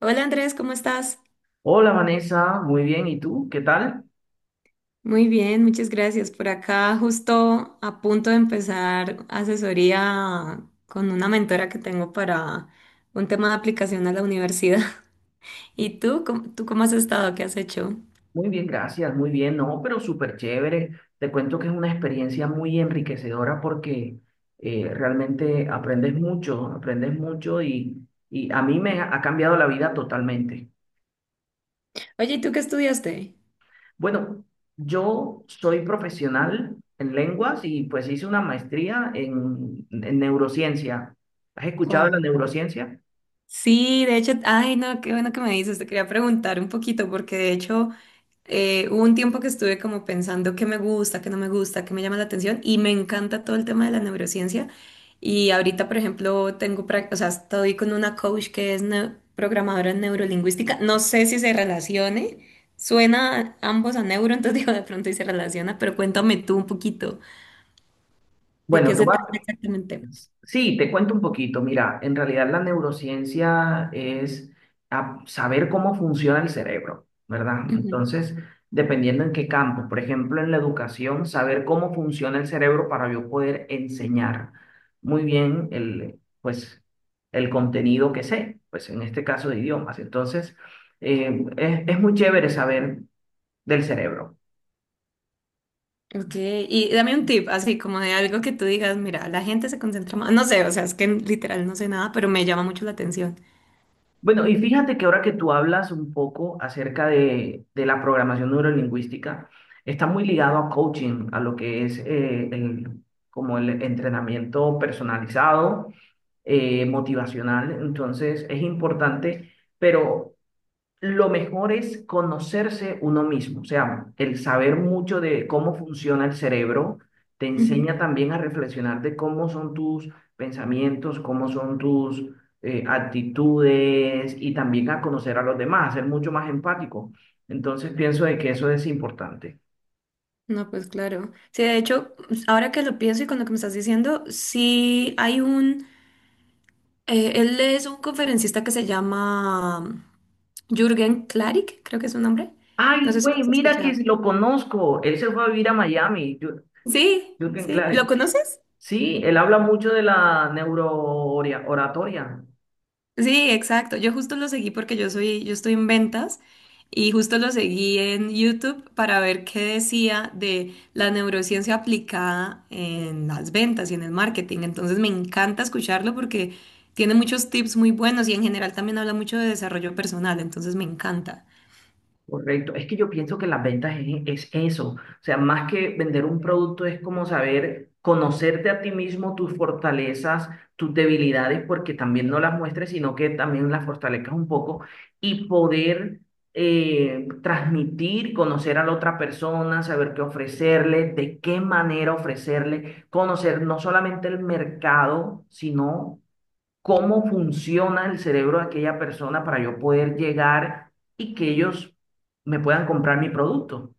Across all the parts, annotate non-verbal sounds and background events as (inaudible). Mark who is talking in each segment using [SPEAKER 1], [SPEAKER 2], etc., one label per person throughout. [SPEAKER 1] Hola Andrés, ¿cómo estás?
[SPEAKER 2] Hola Vanessa, muy bien. ¿Y tú? ¿Qué tal?
[SPEAKER 1] Muy bien, muchas gracias. Por acá justo a punto de empezar asesoría con una mentora que tengo para un tema de aplicación a la universidad. (laughs) ¿Y tú? ¿Tú cómo has estado? ¿Qué has hecho?
[SPEAKER 2] Muy bien, gracias. Muy bien, no, pero súper chévere. Te cuento que es una experiencia muy enriquecedora porque realmente aprendes mucho, aprendes mucho y a mí me ha cambiado la vida totalmente.
[SPEAKER 1] Oye, ¿y tú qué estudiaste?
[SPEAKER 2] Bueno, yo soy profesional en lenguas y pues hice una maestría en neurociencia. ¿Has escuchado de la
[SPEAKER 1] Wow.
[SPEAKER 2] neurociencia?
[SPEAKER 1] Sí, de hecho, ay, no, qué bueno que me dices. Te quería preguntar un poquito porque de hecho hubo un tiempo que estuve como pensando qué me gusta, qué no me gusta, qué me llama la atención y me encanta todo el tema de la neurociencia. Y ahorita, por ejemplo, o sea, estoy con una coach que es programadora en neurolingüística. No sé si se relacione. Suena ambos a neuro, entonces (laughs) digo de pronto y se relaciona, pero cuéntame tú un poquito de
[SPEAKER 2] Bueno,
[SPEAKER 1] qué
[SPEAKER 2] te
[SPEAKER 1] se
[SPEAKER 2] voy
[SPEAKER 1] trata
[SPEAKER 2] a
[SPEAKER 1] exactamente.
[SPEAKER 2] Sí, te cuento un poquito. Mira, en realidad la neurociencia es saber cómo funciona el cerebro, ¿verdad?
[SPEAKER 1] Ujú.
[SPEAKER 2] Entonces, dependiendo en qué campo, por ejemplo, en la educación, saber cómo funciona el cerebro para yo poder enseñar muy bien el, pues, el contenido que sé, pues en este caso de idiomas. Entonces, es muy chévere saber del cerebro.
[SPEAKER 1] Ok, y dame un tip, así como de algo que tú digas, mira, la gente se concentra más, no sé, o sea, es que literal no sé nada, pero me llama mucho la atención.
[SPEAKER 2] Bueno, y fíjate que ahora que tú hablas un poco acerca de la programación neurolingüística, está muy ligado a coaching, a lo que es el, como el entrenamiento personalizado, motivacional. Entonces, es importante, pero lo mejor es conocerse uno mismo, o sea, el saber mucho de cómo funciona el cerebro te enseña también a reflexionar de cómo son tus pensamientos, cómo son tus actitudes y también a conocer a los demás, a ser mucho más empático. Entonces pienso de que eso es importante.
[SPEAKER 1] No, pues claro. Sí, de hecho, ahora que lo pienso y con lo que me estás diciendo, sí hay un... él es un conferencista que se llama Jürgen Klarik, creo que es su nombre.
[SPEAKER 2] Ay,
[SPEAKER 1] No sé si lo
[SPEAKER 2] güey,
[SPEAKER 1] has
[SPEAKER 2] mira que
[SPEAKER 1] escuchado.
[SPEAKER 2] lo conozco. Él se fue a vivir a Miami,
[SPEAKER 1] Sí,
[SPEAKER 2] Jürgen
[SPEAKER 1] sí. ¿Lo
[SPEAKER 2] Clary.
[SPEAKER 1] conoces?
[SPEAKER 2] Sí, él habla mucho de la neurooratoria.
[SPEAKER 1] Sí, exacto. Yo justo lo seguí porque yo soy, yo estoy en ventas y justo lo seguí en YouTube para ver qué decía de la neurociencia aplicada en las ventas y en el marketing. Entonces me encanta escucharlo porque tiene muchos tips muy buenos y en general también habla mucho de desarrollo personal, entonces me encanta.
[SPEAKER 2] Correcto. Es que yo pienso que las ventas es eso. O sea, más que vender un producto es como saber conocerte a ti mismo, tus fortalezas, tus debilidades, porque también no las muestres, sino que también las fortalezcas un poco y poder transmitir, conocer a la otra persona, saber qué ofrecerle, de qué manera ofrecerle, conocer no solamente el mercado, sino cómo funciona el cerebro de aquella persona para yo poder llegar y que ellos me puedan comprar mi producto.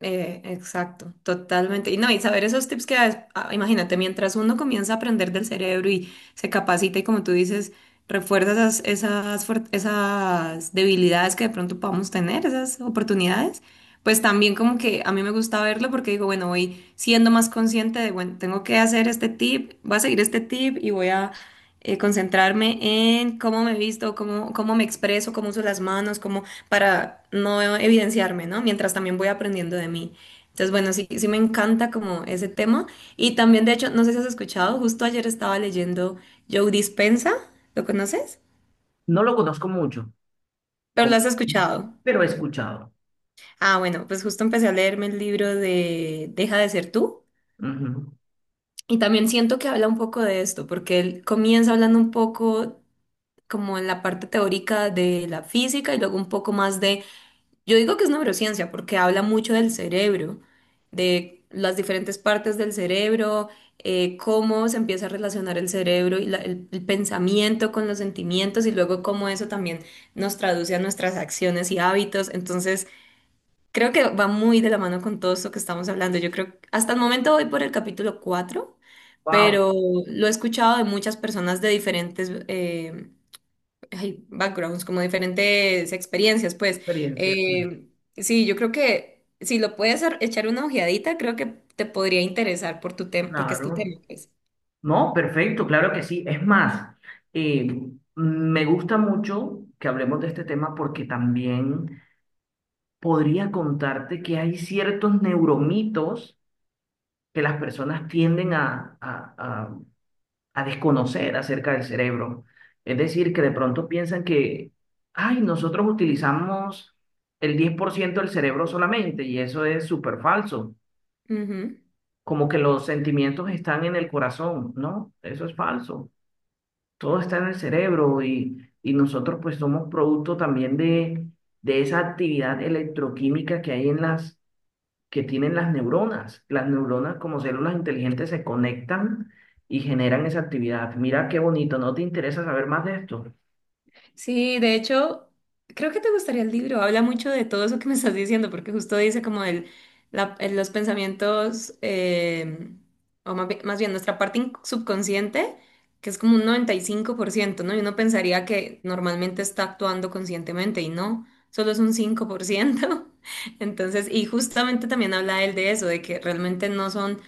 [SPEAKER 1] Exacto, totalmente. Y no, y saber esos tips que das, ah, imagínate, mientras uno comienza a aprender del cerebro y se capacita y como tú dices, refuerza esas debilidades que de pronto podamos tener, esas oportunidades, pues también como que a mí me gusta verlo porque digo, bueno, voy siendo más consciente de, bueno, tengo que hacer este tip, voy a seguir este tip y voy a concentrarme en cómo me visto, cómo, cómo me expreso, cómo uso las manos, cómo para no evidenciarme, ¿no? Mientras también voy aprendiendo de mí. Entonces, bueno, sí, sí me encanta como ese tema. Y también, de hecho, no sé si has escuchado, justo ayer estaba leyendo Joe Dispenza, ¿lo conoces?
[SPEAKER 2] No lo conozco mucho,
[SPEAKER 1] Pero lo
[SPEAKER 2] com-
[SPEAKER 1] has escuchado.
[SPEAKER 2] pero he escuchado.
[SPEAKER 1] Ah, bueno, pues justo empecé a leerme el libro de Deja de ser tú.
[SPEAKER 2] Ujú.
[SPEAKER 1] Y también siento que habla un poco de esto, porque él comienza hablando un poco como en la parte teórica de la física y luego un poco más de... Yo digo que es neurociencia porque habla mucho del cerebro, de las diferentes partes del cerebro, cómo se empieza a relacionar el cerebro y el pensamiento con los sentimientos y luego cómo eso también nos traduce a nuestras acciones y hábitos. Entonces, creo que va muy de la mano con todo esto que estamos hablando. Yo creo que hasta el momento voy por el capítulo 4,
[SPEAKER 2] Wow,
[SPEAKER 1] pero lo he escuchado de muchas personas de diferentes hay backgrounds, como diferentes experiencias, pues.
[SPEAKER 2] experiencia, sí.
[SPEAKER 1] Eh, sí, yo creo que si lo puedes echar una ojeadita, creo que te podría interesar por tu tema, porque es tu
[SPEAKER 2] Claro.
[SPEAKER 1] tema, pues.
[SPEAKER 2] No, perfecto, claro que sí. Es más, eh, me gusta mucho que hablemos de este tema porque también podría contarte que hay ciertos neuromitos que las personas tienden a a desconocer acerca del cerebro. Es decir, que de pronto piensan que, ay, nosotros utilizamos el 10% del cerebro solamente y eso es súper falso.
[SPEAKER 1] Ujú.
[SPEAKER 2] Como que los sentimientos están en el corazón, ¿no? Eso es falso. Todo está en el cerebro y nosotros pues somos producto también de esa actividad electroquímica que hay que tienen las neuronas. Las neuronas como células inteligentes se conectan y generan esa actividad. Mira qué bonito, ¿no te interesa saber más de esto?
[SPEAKER 1] Sí, de hecho, creo que te gustaría el libro. Habla mucho de todo eso que me estás diciendo, porque justo dice como los pensamientos, o más bien, nuestra parte subconsciente, que es como un 95%, ¿no? Y uno pensaría que normalmente está actuando conscientemente y no, solo es un 5%. (laughs) Entonces, y justamente también habla él de eso, de que realmente no son...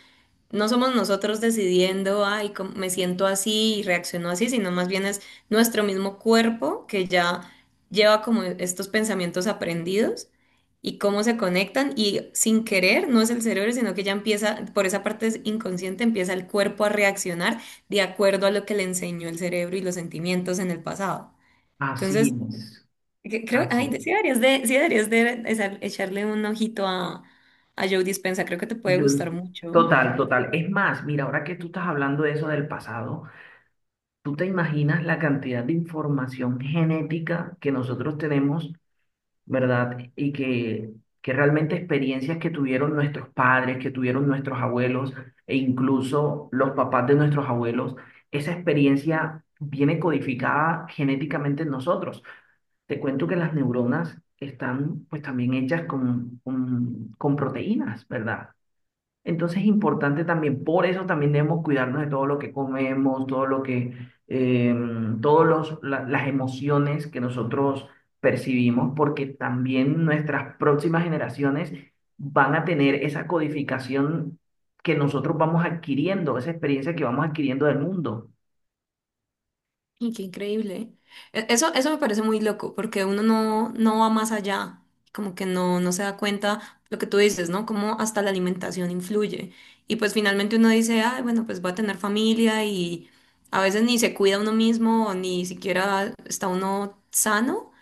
[SPEAKER 1] No somos nosotros decidiendo, ay, cómo- me siento así y reacciono así, sino más bien es nuestro mismo cuerpo que ya lleva como estos pensamientos aprendidos y cómo se conectan y sin querer, no es el cerebro, sino que ya empieza, por esa parte es inconsciente, empieza el cuerpo a reaccionar de acuerdo a lo que le enseñó el cerebro y los sentimientos en el pasado.
[SPEAKER 2] Así
[SPEAKER 1] Entonces,
[SPEAKER 2] es,
[SPEAKER 1] creo,
[SPEAKER 2] así
[SPEAKER 1] ay, sí
[SPEAKER 2] es.
[SPEAKER 1] echarle un ojito a Joe Dispenza, creo que te puede
[SPEAKER 2] Yo-
[SPEAKER 1] gustar mucho.
[SPEAKER 2] Total, total. Es más, mira, ahora que tú estás hablando de eso del pasado, ¿tú te imaginas la cantidad de información genética que nosotros tenemos? ¿Verdad? Que realmente experiencias que tuvieron nuestros padres, que tuvieron nuestros abuelos e incluso los papás de nuestros abuelos, esa experiencia viene codificada genéticamente en nosotros. Te cuento que las neuronas están pues también hechas con proteínas, ¿verdad? Entonces es importante también, por eso también debemos cuidarnos de todo lo que comemos, todo lo que, eh, las emociones que nosotros percibimos, porque también nuestras próximas generaciones van a tener esa codificación que nosotros vamos adquiriendo, esa experiencia que vamos adquiriendo del mundo.
[SPEAKER 1] Y qué increíble. Eso, eso me parece muy loco, porque uno no, no va más allá, como que no, no se da cuenta lo que tú dices, ¿no? Cómo hasta la alimentación influye. Y pues finalmente uno dice, ay, bueno, pues va a tener familia y a veces ni se cuida uno mismo, ni siquiera está uno sano,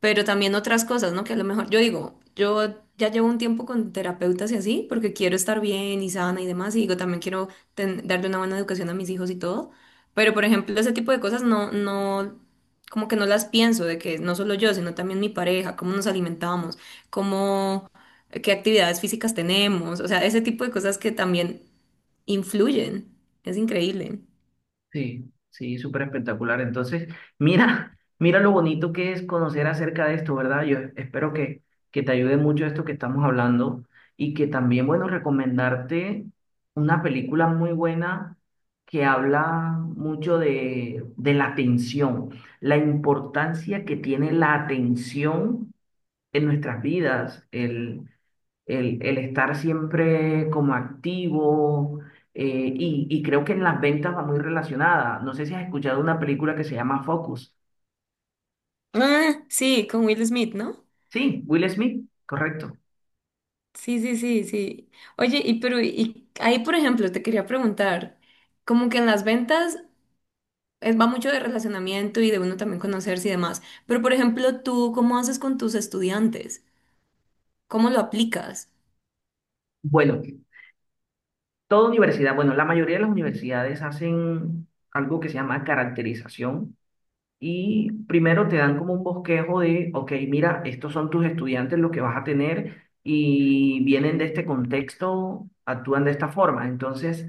[SPEAKER 1] pero también otras cosas, ¿no? Que a lo mejor, yo digo, yo ya llevo un tiempo con terapeutas y así, porque quiero estar bien y sana y demás, y digo, también quiero darle una buena educación a mis hijos y todo, pero por ejemplo, ese tipo de cosas no, no, como que no las pienso, de que no solo yo, sino también mi pareja, cómo nos alimentamos, cómo, qué actividades físicas tenemos, o sea, ese tipo de cosas que también influyen, es increíble.
[SPEAKER 2] Sí, sí, súper espectacular. Entonces, mira, (laughs) mira lo bonito que es conocer acerca de esto, ¿verdad? Yo espero que te ayude mucho esto que estamos hablando y que también, bueno, recomendarte una película muy buena que habla mucho de la atención, la importancia que tiene la atención en nuestras vidas, el estar siempre como activo y creo que en las ventas va muy relacionada. No sé si has escuchado una película que se llama Focus.
[SPEAKER 1] Ah, sí, con Will Smith, ¿no?
[SPEAKER 2] Sí, Will Smith, correcto.
[SPEAKER 1] Sí, sí, sí, sí. Oye, y pero y ahí, por ejemplo, te quería preguntar, como que en las ventas va mucho de relacionamiento y de uno también conocerse y demás, pero por ejemplo, tú, ¿cómo haces con tus estudiantes? ¿Cómo lo aplicas?
[SPEAKER 2] Bueno, toda universidad, bueno, la mayoría de las universidades hacen algo que se llama caracterización. Y primero te dan como un bosquejo de, ok, mira, estos son tus estudiantes los que vas a tener y vienen de este contexto, actúan de esta forma. Entonces,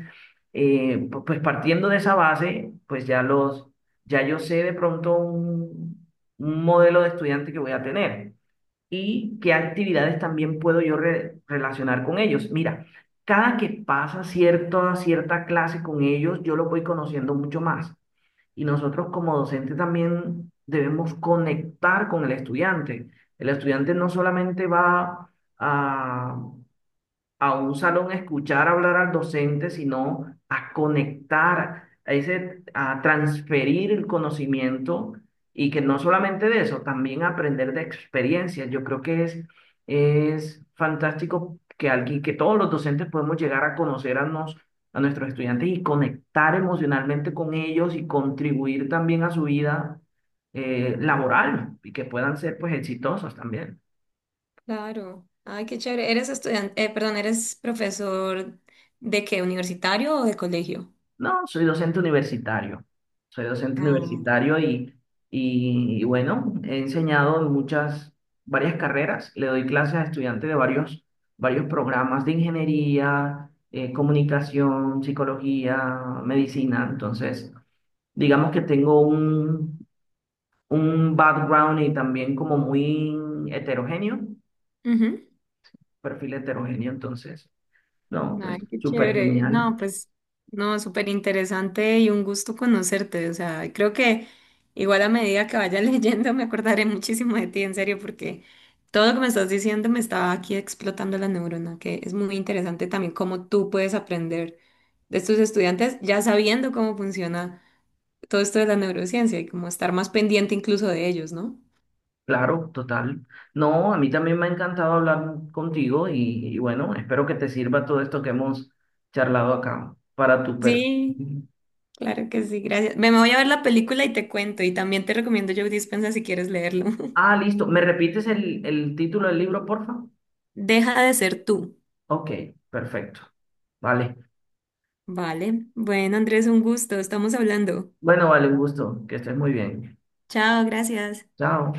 [SPEAKER 2] pues partiendo de esa base, ya yo sé de pronto un modelo de estudiante que voy a tener y qué actividades también puedo yo relacionar con ellos. Mira, cada que pasa cierta clase con ellos, yo los voy conociendo mucho más y nosotros como docente también debemos conectar con el estudiante. El estudiante no solamente va a, a un salón a escuchar hablar al docente, sino a conectar, a, ese, a transferir el conocimiento y que no solamente de eso, también aprender de experiencias. Yo creo que es fantástico que alguien, que todos los docentes podemos llegar a conocer a nuestros estudiantes y conectar emocionalmente con ellos y contribuir también a su vida laboral y que puedan ser pues exitosos también.
[SPEAKER 1] Claro. Ay, qué chévere. ¿Eres perdón, eres profesor de qué, universitario o de colegio?
[SPEAKER 2] No, soy docente universitario. Soy docente
[SPEAKER 1] Ah,
[SPEAKER 2] universitario y bueno, he enseñado en muchas, varias carreras. Le doy clases a estudiantes de varios, varios programas de ingeniería, comunicación, psicología, medicina. Entonces, digamos que tengo un background y también como muy heterogéneo,
[SPEAKER 1] ujú.
[SPEAKER 2] perfil heterogéneo. Entonces, no, pues
[SPEAKER 1] Ay, qué
[SPEAKER 2] súper
[SPEAKER 1] chévere.
[SPEAKER 2] genial.
[SPEAKER 1] No, pues, no, súper interesante y un gusto conocerte. O sea, creo que igual a medida que vaya (laughs) leyendo me acordaré muchísimo de ti, en serio, porque todo lo que me estás diciendo me estaba aquí explotando la neurona, que es muy interesante también cómo tú puedes aprender de tus estudiantes ya sabiendo cómo funciona todo esto de la neurociencia y cómo estar más pendiente incluso de ellos, ¿no?
[SPEAKER 2] Claro, total. No, a mí también me ha encantado hablar contigo y bueno, espero que te sirva todo esto que hemos charlado acá para tu per.
[SPEAKER 1] Sí, claro que sí, gracias. Me voy a ver la película y te cuento, y también te recomiendo Joe Dispenza si quieres leerlo. (laughs)
[SPEAKER 2] Ah, listo. ¿Me repites el título del libro, porfa?
[SPEAKER 1] Deja de ser tú.
[SPEAKER 2] Ok, perfecto. Vale.
[SPEAKER 1] Vale. Bueno, Andrés, un gusto. Estamos hablando.
[SPEAKER 2] Bueno, vale, un gusto. Que estés muy bien.
[SPEAKER 1] Chao, gracias.
[SPEAKER 2] Chao.